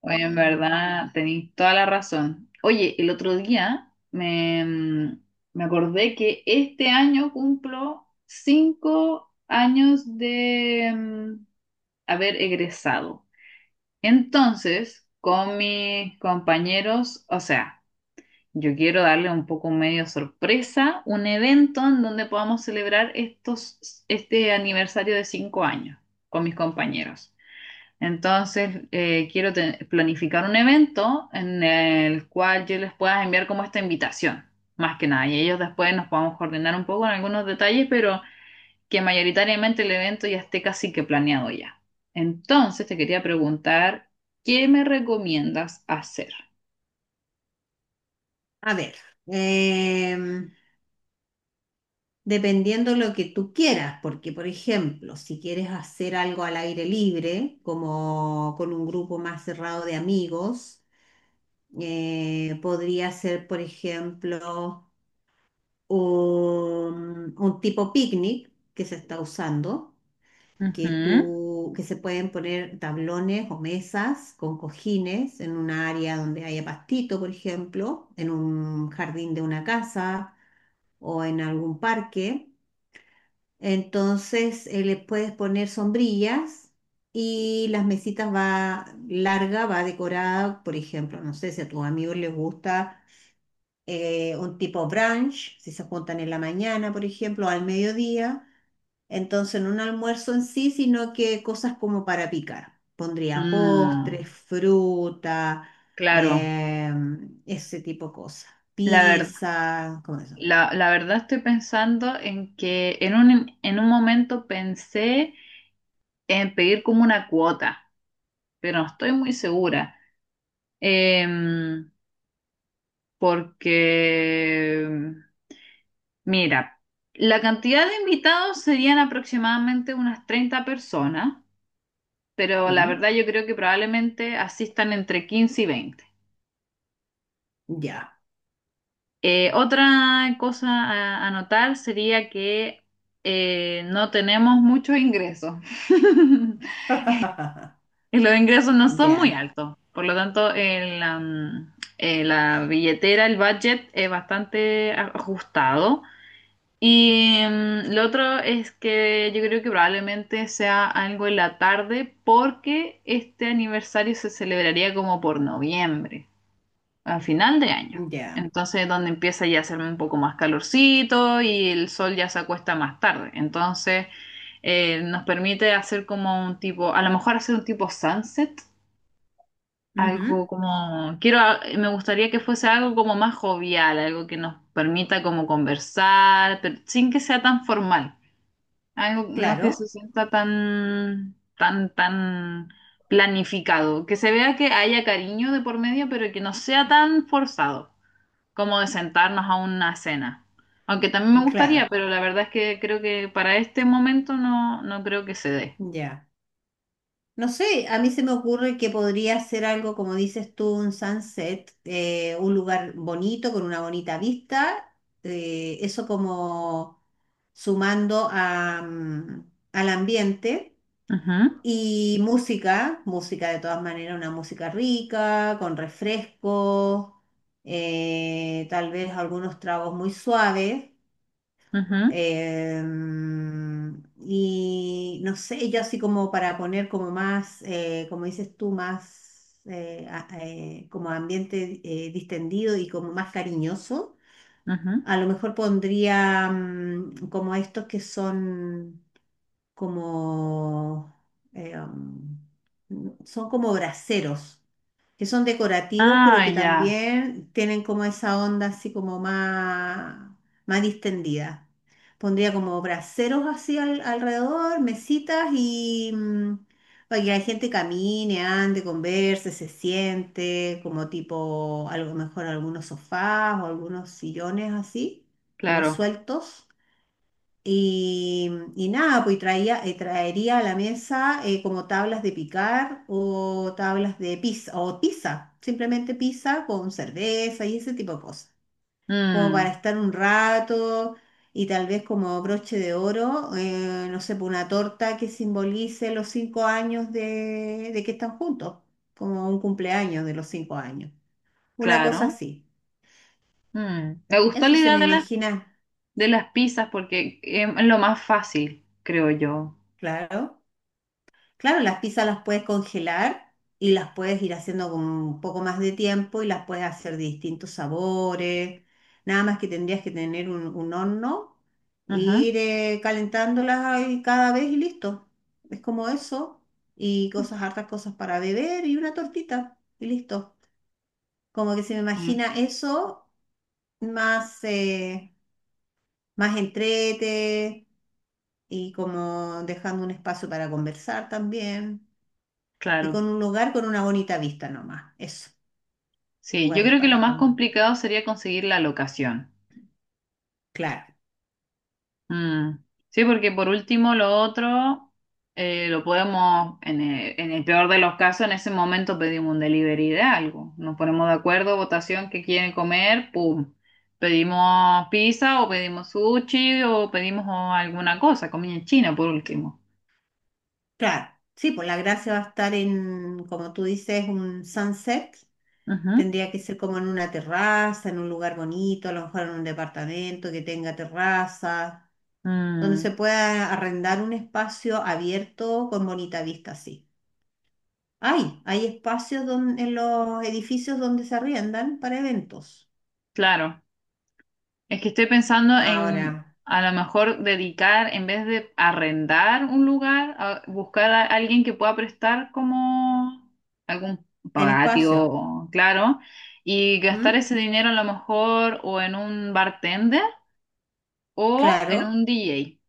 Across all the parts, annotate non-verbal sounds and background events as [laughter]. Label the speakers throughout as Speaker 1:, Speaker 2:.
Speaker 1: Oye, en verdad, tenéis toda la razón. Oye, el otro día me acordé que este año cumplo cinco años de haber egresado. Entonces, con mis compañeros, o sea, yo quiero darle un poco medio sorpresa, un evento en donde podamos celebrar este aniversario de cinco años con mis compañeros. Entonces, planificar un evento en el cual yo les pueda enviar como esta invitación, más que nada, y ellos después nos podamos coordinar un poco en algunos detalles, pero que mayoritariamente el evento ya esté casi que planeado ya. Entonces, te quería preguntar, ¿qué me recomiendas hacer?
Speaker 2: A ver, em, dependiendo lo que tú quieras. Porque por ejemplo, si quieres hacer algo al aire libre, como con un grupo más cerrado de amigos, podría ser, por ejemplo, un tipo picnic que se está usando,
Speaker 1: Ujú.
Speaker 2: que se pueden poner tablones o mesas con cojines en un área donde haya pastito, por ejemplo, en un jardín de una casa o en algún parque. Entonces, le puedes poner sombrillas y las mesitas va larga, va decorada. Por ejemplo, no sé si a tus amigos les gusta un tipo brunch, si se juntan en la mañana, por ejemplo, o al mediodía. Entonces, no un almuerzo en sí, sino que cosas como para picar. Pondría
Speaker 1: Mm,
Speaker 2: postres, fruta,
Speaker 1: claro,
Speaker 2: eh, ese tipo de cosas.
Speaker 1: la ver-
Speaker 2: Pizza, como eso.
Speaker 1: la verdad estoy pensando en que en un momento pensé en pedir como una cuota, pero no estoy muy segura. Em, Porque, mira, la cantidad de invitados serían aproximadamente unas 30 personas, pero la
Speaker 2: Mm.
Speaker 1: verdad yo creo que probablemente asistan entre 15 y veinte.
Speaker 2: Ya.
Speaker 1: Otra cosa a notar sería que no tenemos muchos ingresos. [laughs]
Speaker 2: [laughs]
Speaker 1: Y los ingresos no son muy
Speaker 2: Ya,
Speaker 1: altos, por lo tanto, la billetera, el budget es bastante ajustado. Y lo otro es que yo creo que probablemente sea algo en la tarde porque este aniversario se celebraría como por noviembre, a final de año.
Speaker 2: ya.
Speaker 1: Entonces, donde empieza ya a hacer un poco más calorcito y el sol ya se acuesta más tarde. Entonces, nos permite hacer como un tipo, a lo mejor hacer un tipo sunset, algo
Speaker 2: Ujú.
Speaker 1: como, me gustaría que fuese algo como más jovial, algo que nos permita como conversar, pero sin que sea tan formal, algo no
Speaker 2: Claro,
Speaker 1: que se sienta tan planificado, que se vea que haya cariño de por medio, pero que no sea tan forzado, como de sentarnos a una cena. Aunque también me gustaría,
Speaker 2: claro.
Speaker 1: pero la verdad es que creo que para este momento no, no creo que se dé.
Speaker 2: Ya. No sé, a mí se me ocurre que podría ser algo, como dices tú, un sunset, un lugar bonito, con una bonita vista, eso como sumando al ambiente
Speaker 1: Ujú,
Speaker 2: y música, música de todas maneras, una música rica, con refrescos, tal vez algunos tragos muy suaves.
Speaker 1: ujú,
Speaker 2: Y no sé, yo así como para poner como más, como dices tú, más como ambiente distendido y como más cariñoso. A
Speaker 1: ujú.
Speaker 2: lo mejor pondría como estos que son como, eh, son como braseros que son decorativos, pero
Speaker 1: Ah,
Speaker 2: que
Speaker 1: ya,
Speaker 2: también tienen como esa onda así como más, distendida. Pondría como braseros así alrededor, mesitas y para que la gente camine, ande, converse, se siente, como tipo, a lo mejor algunos sofás o algunos sillones así, como
Speaker 1: claro.
Speaker 2: sueltos. Y, y nada, pues y traería a la mesa, como tablas de picar o tablas de pizza, o pizza, simplemente pizza con cerveza y ese tipo de cosas, como para
Speaker 1: Mm,
Speaker 2: estar un rato. Y tal vez como broche de oro, no sé, pues una torta que simbolice los 5 años de que están juntos, como un cumpleaños de los 5 años, una cosa
Speaker 1: claro.
Speaker 2: así.
Speaker 1: Mm. Me gustó
Speaker 2: Eso
Speaker 1: la
Speaker 2: se
Speaker 1: idea
Speaker 2: me imagina.
Speaker 1: de las pizzas porque em, es lo más fácil, creo yo.
Speaker 2: Claro. Claro, las pizzas las puedes congelar y las puedes ir haciendo con un poco más de tiempo y las puedes hacer de distintos sabores. Nada más que tendrías que tener un horno e
Speaker 1: Ujú.
Speaker 2: ir, calentándolas ahí cada vez y listo. Es como eso. Y cosas, hartas cosas para beber y una tortita y listo. Como que se me
Speaker 1: Mm,
Speaker 2: imagina eso más, más entrete y como dejando un espacio para conversar también. Y con
Speaker 1: claro.
Speaker 2: un lugar con una bonita vista nomás. Eso,
Speaker 1: Sí, yo
Speaker 2: lugares
Speaker 1: creo que lo
Speaker 2: para
Speaker 1: más
Speaker 2: como,
Speaker 1: complicado sería conseguir la locación.
Speaker 2: claro,
Speaker 1: Mm. Sí, porque por último lo otro lo podemos, en el peor de los casos, en ese momento pedimos un delivery de algo. Nos ponemos de acuerdo, votación, qué quieren comer, pum. Pedimos pizza o pedimos sushi o pedimos oh, alguna cosa, comida china por último.
Speaker 2: claro. Sí, pues la gracia va a estar en, como tú dices, un sunset.
Speaker 1: Ujú.
Speaker 2: Tendría que ser como en una terraza, en un lugar bonito, a lo mejor en un departamento que tenga terraza, donde se
Speaker 1: Mm,
Speaker 2: pueda arrendar un espacio abierto con bonita vista, sí. Hay espacios en los edificios donde se arriendan para eventos.
Speaker 1: claro. Es que estoy pensando
Speaker 2: Ahora,
Speaker 1: en a lo mejor dedicar, en vez de arrendar un lugar, a buscar a alguien que pueda prestar como algún
Speaker 2: el espacio.
Speaker 1: patio, claro, y gastar
Speaker 2: ¿M?
Speaker 1: ese dinero a lo mejor o en un bartender o en
Speaker 2: Claro,
Speaker 1: un DJ.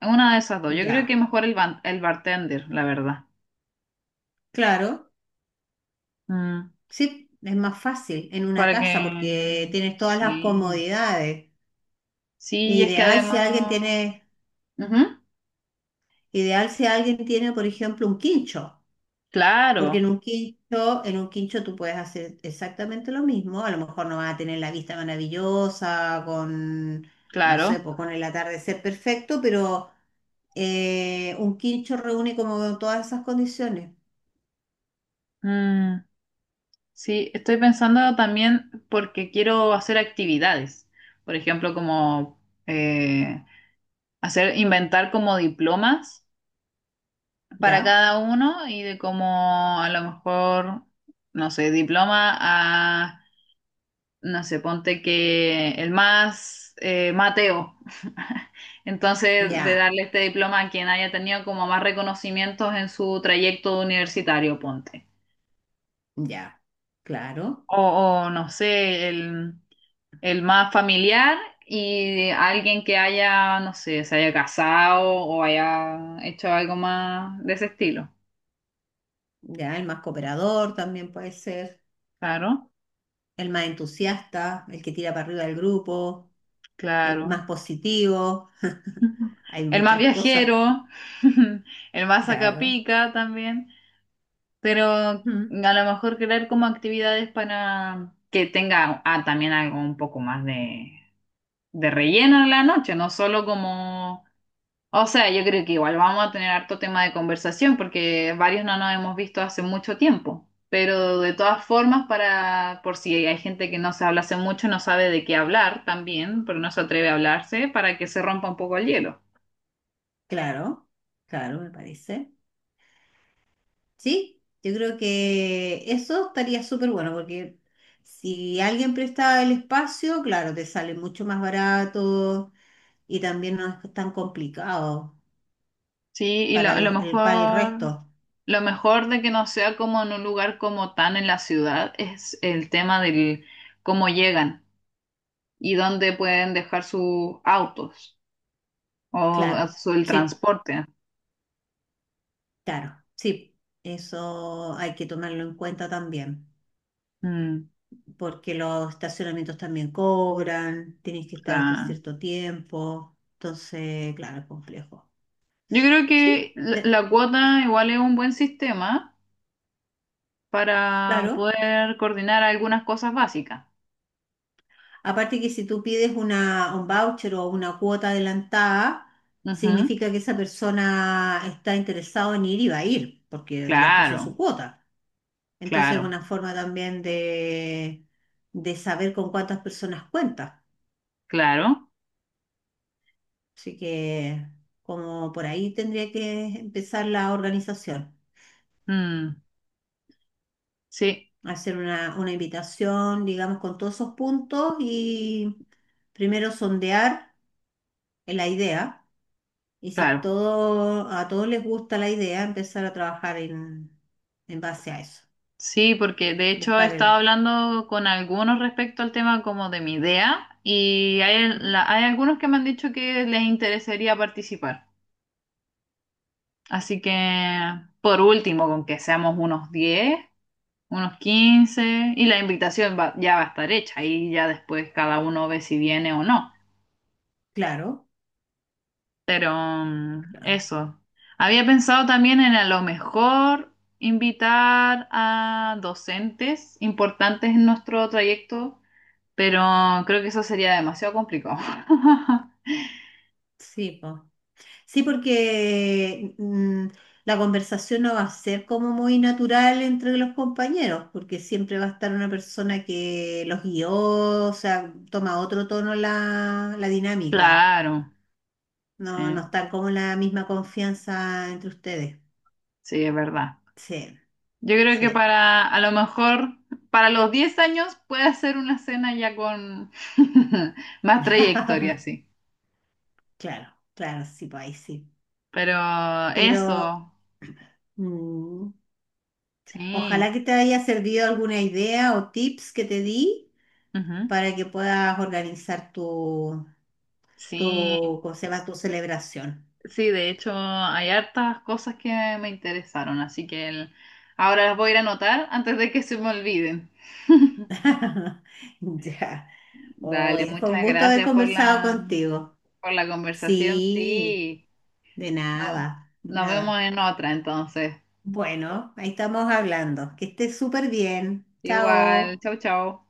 Speaker 1: En una de esas dos. Yo creo que
Speaker 2: ya,
Speaker 1: mejor el bartender, la verdad.
Speaker 2: claro.
Speaker 1: Mm,
Speaker 2: Sí, es más fácil en una
Speaker 1: para
Speaker 2: casa porque
Speaker 1: que...
Speaker 2: tienes todas las
Speaker 1: Sí.
Speaker 2: comodidades.
Speaker 1: Sí, es que
Speaker 2: Ideal si alguien
Speaker 1: además...
Speaker 2: tiene,
Speaker 1: Ujú,
Speaker 2: ideal si alguien tiene, por ejemplo, un quincho. Porque en
Speaker 1: claro,
Speaker 2: un quincho, en un quincho tú puedes hacer exactamente lo mismo. A lo mejor no vas a tener la vista maravillosa con, no sé,
Speaker 1: claro.
Speaker 2: pues con el atardecer perfecto, pero un quincho reúne como todas esas condiciones.
Speaker 1: Mm. Sí, estoy pensando también porque quiero hacer actividades, por ejemplo, como eh, hacer, inventar como diplomas para
Speaker 2: Ya,
Speaker 1: cada uno y de como a lo mejor, no sé, diploma a, no sé, ponte que el más Mateo. [laughs] Entonces, de
Speaker 2: ya,
Speaker 1: darle este diploma a quien haya tenido como más reconocimientos en su trayecto universitario, ponte.
Speaker 2: ya, claro.
Speaker 1: O, o no sé, el... El más familiar y alguien que haya, no sé, se haya casado o haya hecho algo más de ese estilo.
Speaker 2: Ya, el más cooperador también puede ser,
Speaker 1: Claro,
Speaker 2: el más entusiasta, el que tira para arriba del grupo, el
Speaker 1: claro.
Speaker 2: más positivo. [laughs]
Speaker 1: [laughs]
Speaker 2: Hay
Speaker 1: El más
Speaker 2: muchas cosas,
Speaker 1: viajero, [laughs] el más
Speaker 2: claro.
Speaker 1: sacapica también, pero a
Speaker 2: Mm.
Speaker 1: lo mejor crear como actividades para que tenga ah, también algo un poco más de relleno en la noche, no solo como. O sea, yo creo que igual vamos a tener harto tema de conversación porque varios no nos hemos visto hace mucho tiempo. Pero de todas formas, para, por si hay gente que no se habla hace mucho, no sabe de qué hablar también, pero no se atreve a hablarse para que se rompa un poco el hielo.
Speaker 2: Claro, claro, me parece. Sí, yo creo que eso estaría súper bueno porque si alguien presta el espacio, claro, te sale mucho más barato y también no es tan complicado
Speaker 1: Sí,
Speaker 2: para para el resto.
Speaker 1: lo mejor de que no sea como en un lugar como tan en la ciudad es el tema del cómo llegan y dónde pueden dejar sus autos o
Speaker 2: Claro,
Speaker 1: el
Speaker 2: sí,
Speaker 1: transporte.
Speaker 2: claro, sí. Eso hay que tomarlo en cuenta también.
Speaker 1: Mm,
Speaker 2: Porque los estacionamientos también cobran, tienes que estar hasta
Speaker 1: claro.
Speaker 2: cierto tiempo, entonces, claro, es complejo.
Speaker 1: Yo creo que
Speaker 2: Sí,
Speaker 1: la la cuota igual es un buen sistema para
Speaker 2: claro.
Speaker 1: poder coordinar algunas cosas básicas.
Speaker 2: Aparte que si tú pides una, un voucher o una cuota adelantada,
Speaker 1: Ujú.
Speaker 2: significa que esa persona está interesado en ir y va a ir, porque ya puso
Speaker 1: Claro,
Speaker 2: su cuota. Entonces es
Speaker 1: claro,
Speaker 2: una forma también de saber con cuántas personas cuenta.
Speaker 1: claro.
Speaker 2: Así que como por ahí tendría que empezar la organización.
Speaker 1: Mm, sí,
Speaker 2: Hacer una invitación, digamos, con todos esos puntos, y primero sondear la idea. Y si
Speaker 1: claro.
Speaker 2: todo, a todos les gusta la idea, empezar a trabajar en, base a eso.
Speaker 1: Sí, porque de hecho he
Speaker 2: Buscar
Speaker 1: estado
Speaker 2: el...
Speaker 1: hablando con algunos respecto al tema como de mi idea y hay,
Speaker 2: ¿Mm?
Speaker 1: hay algunos que me han dicho que les interesaría participar. Así que, por último, con que seamos unos diez, unos 15 y ya va a estar hecha y ya después cada uno ve si viene o no.
Speaker 2: Claro,
Speaker 1: Pero mm,
Speaker 2: claro.
Speaker 1: eso. Había pensado también en a lo mejor invitar a docentes importantes en nuestro trayecto, pero creo que eso sería demasiado complicado. [laughs]
Speaker 2: Sí, po. Sí, porque la conversación no va a ser como muy natural entre los compañeros, porque siempre va a estar una persona que los guió, o sea, toma otro tono la dinámica.
Speaker 1: Claro,
Speaker 2: No, no
Speaker 1: sí,
Speaker 2: está como la misma confianza entre ustedes.
Speaker 1: sí, es verdad.
Speaker 2: Sí,
Speaker 1: Yo creo que
Speaker 2: sí.
Speaker 1: para, a lo mejor, para los 10 años puede hacer una cena ya con [laughs] más trayectoria,
Speaker 2: [laughs]
Speaker 1: sí.
Speaker 2: Claro, claro, sí, pues ahí sí.
Speaker 1: Pero
Speaker 2: Pero
Speaker 1: eso,
Speaker 2: mm,
Speaker 1: sí,
Speaker 2: ojalá que te haya servido alguna idea o tips que te di
Speaker 1: ujú,
Speaker 2: para que puedas organizar
Speaker 1: sí,
Speaker 2: tu, ¿cómo se llama? Tu celebración.
Speaker 1: sí, de hecho hay hartas cosas que me interesaron, así que ahora las voy a ir a anotar antes de que se me olviden.
Speaker 2: [laughs] Ya.
Speaker 1: Dale,
Speaker 2: Oye, fue un
Speaker 1: muchas
Speaker 2: gusto haber
Speaker 1: gracias
Speaker 2: conversado contigo.
Speaker 1: por la conversación,
Speaker 2: Sí,
Speaker 1: sí.
Speaker 2: de
Speaker 1: No-
Speaker 2: nada, de
Speaker 1: nos
Speaker 2: nada.
Speaker 1: vemos en otra entonces.
Speaker 2: Bueno, ahí estamos hablando. Que estés súper bien.
Speaker 1: Igual,
Speaker 2: Chao.
Speaker 1: chau, chau.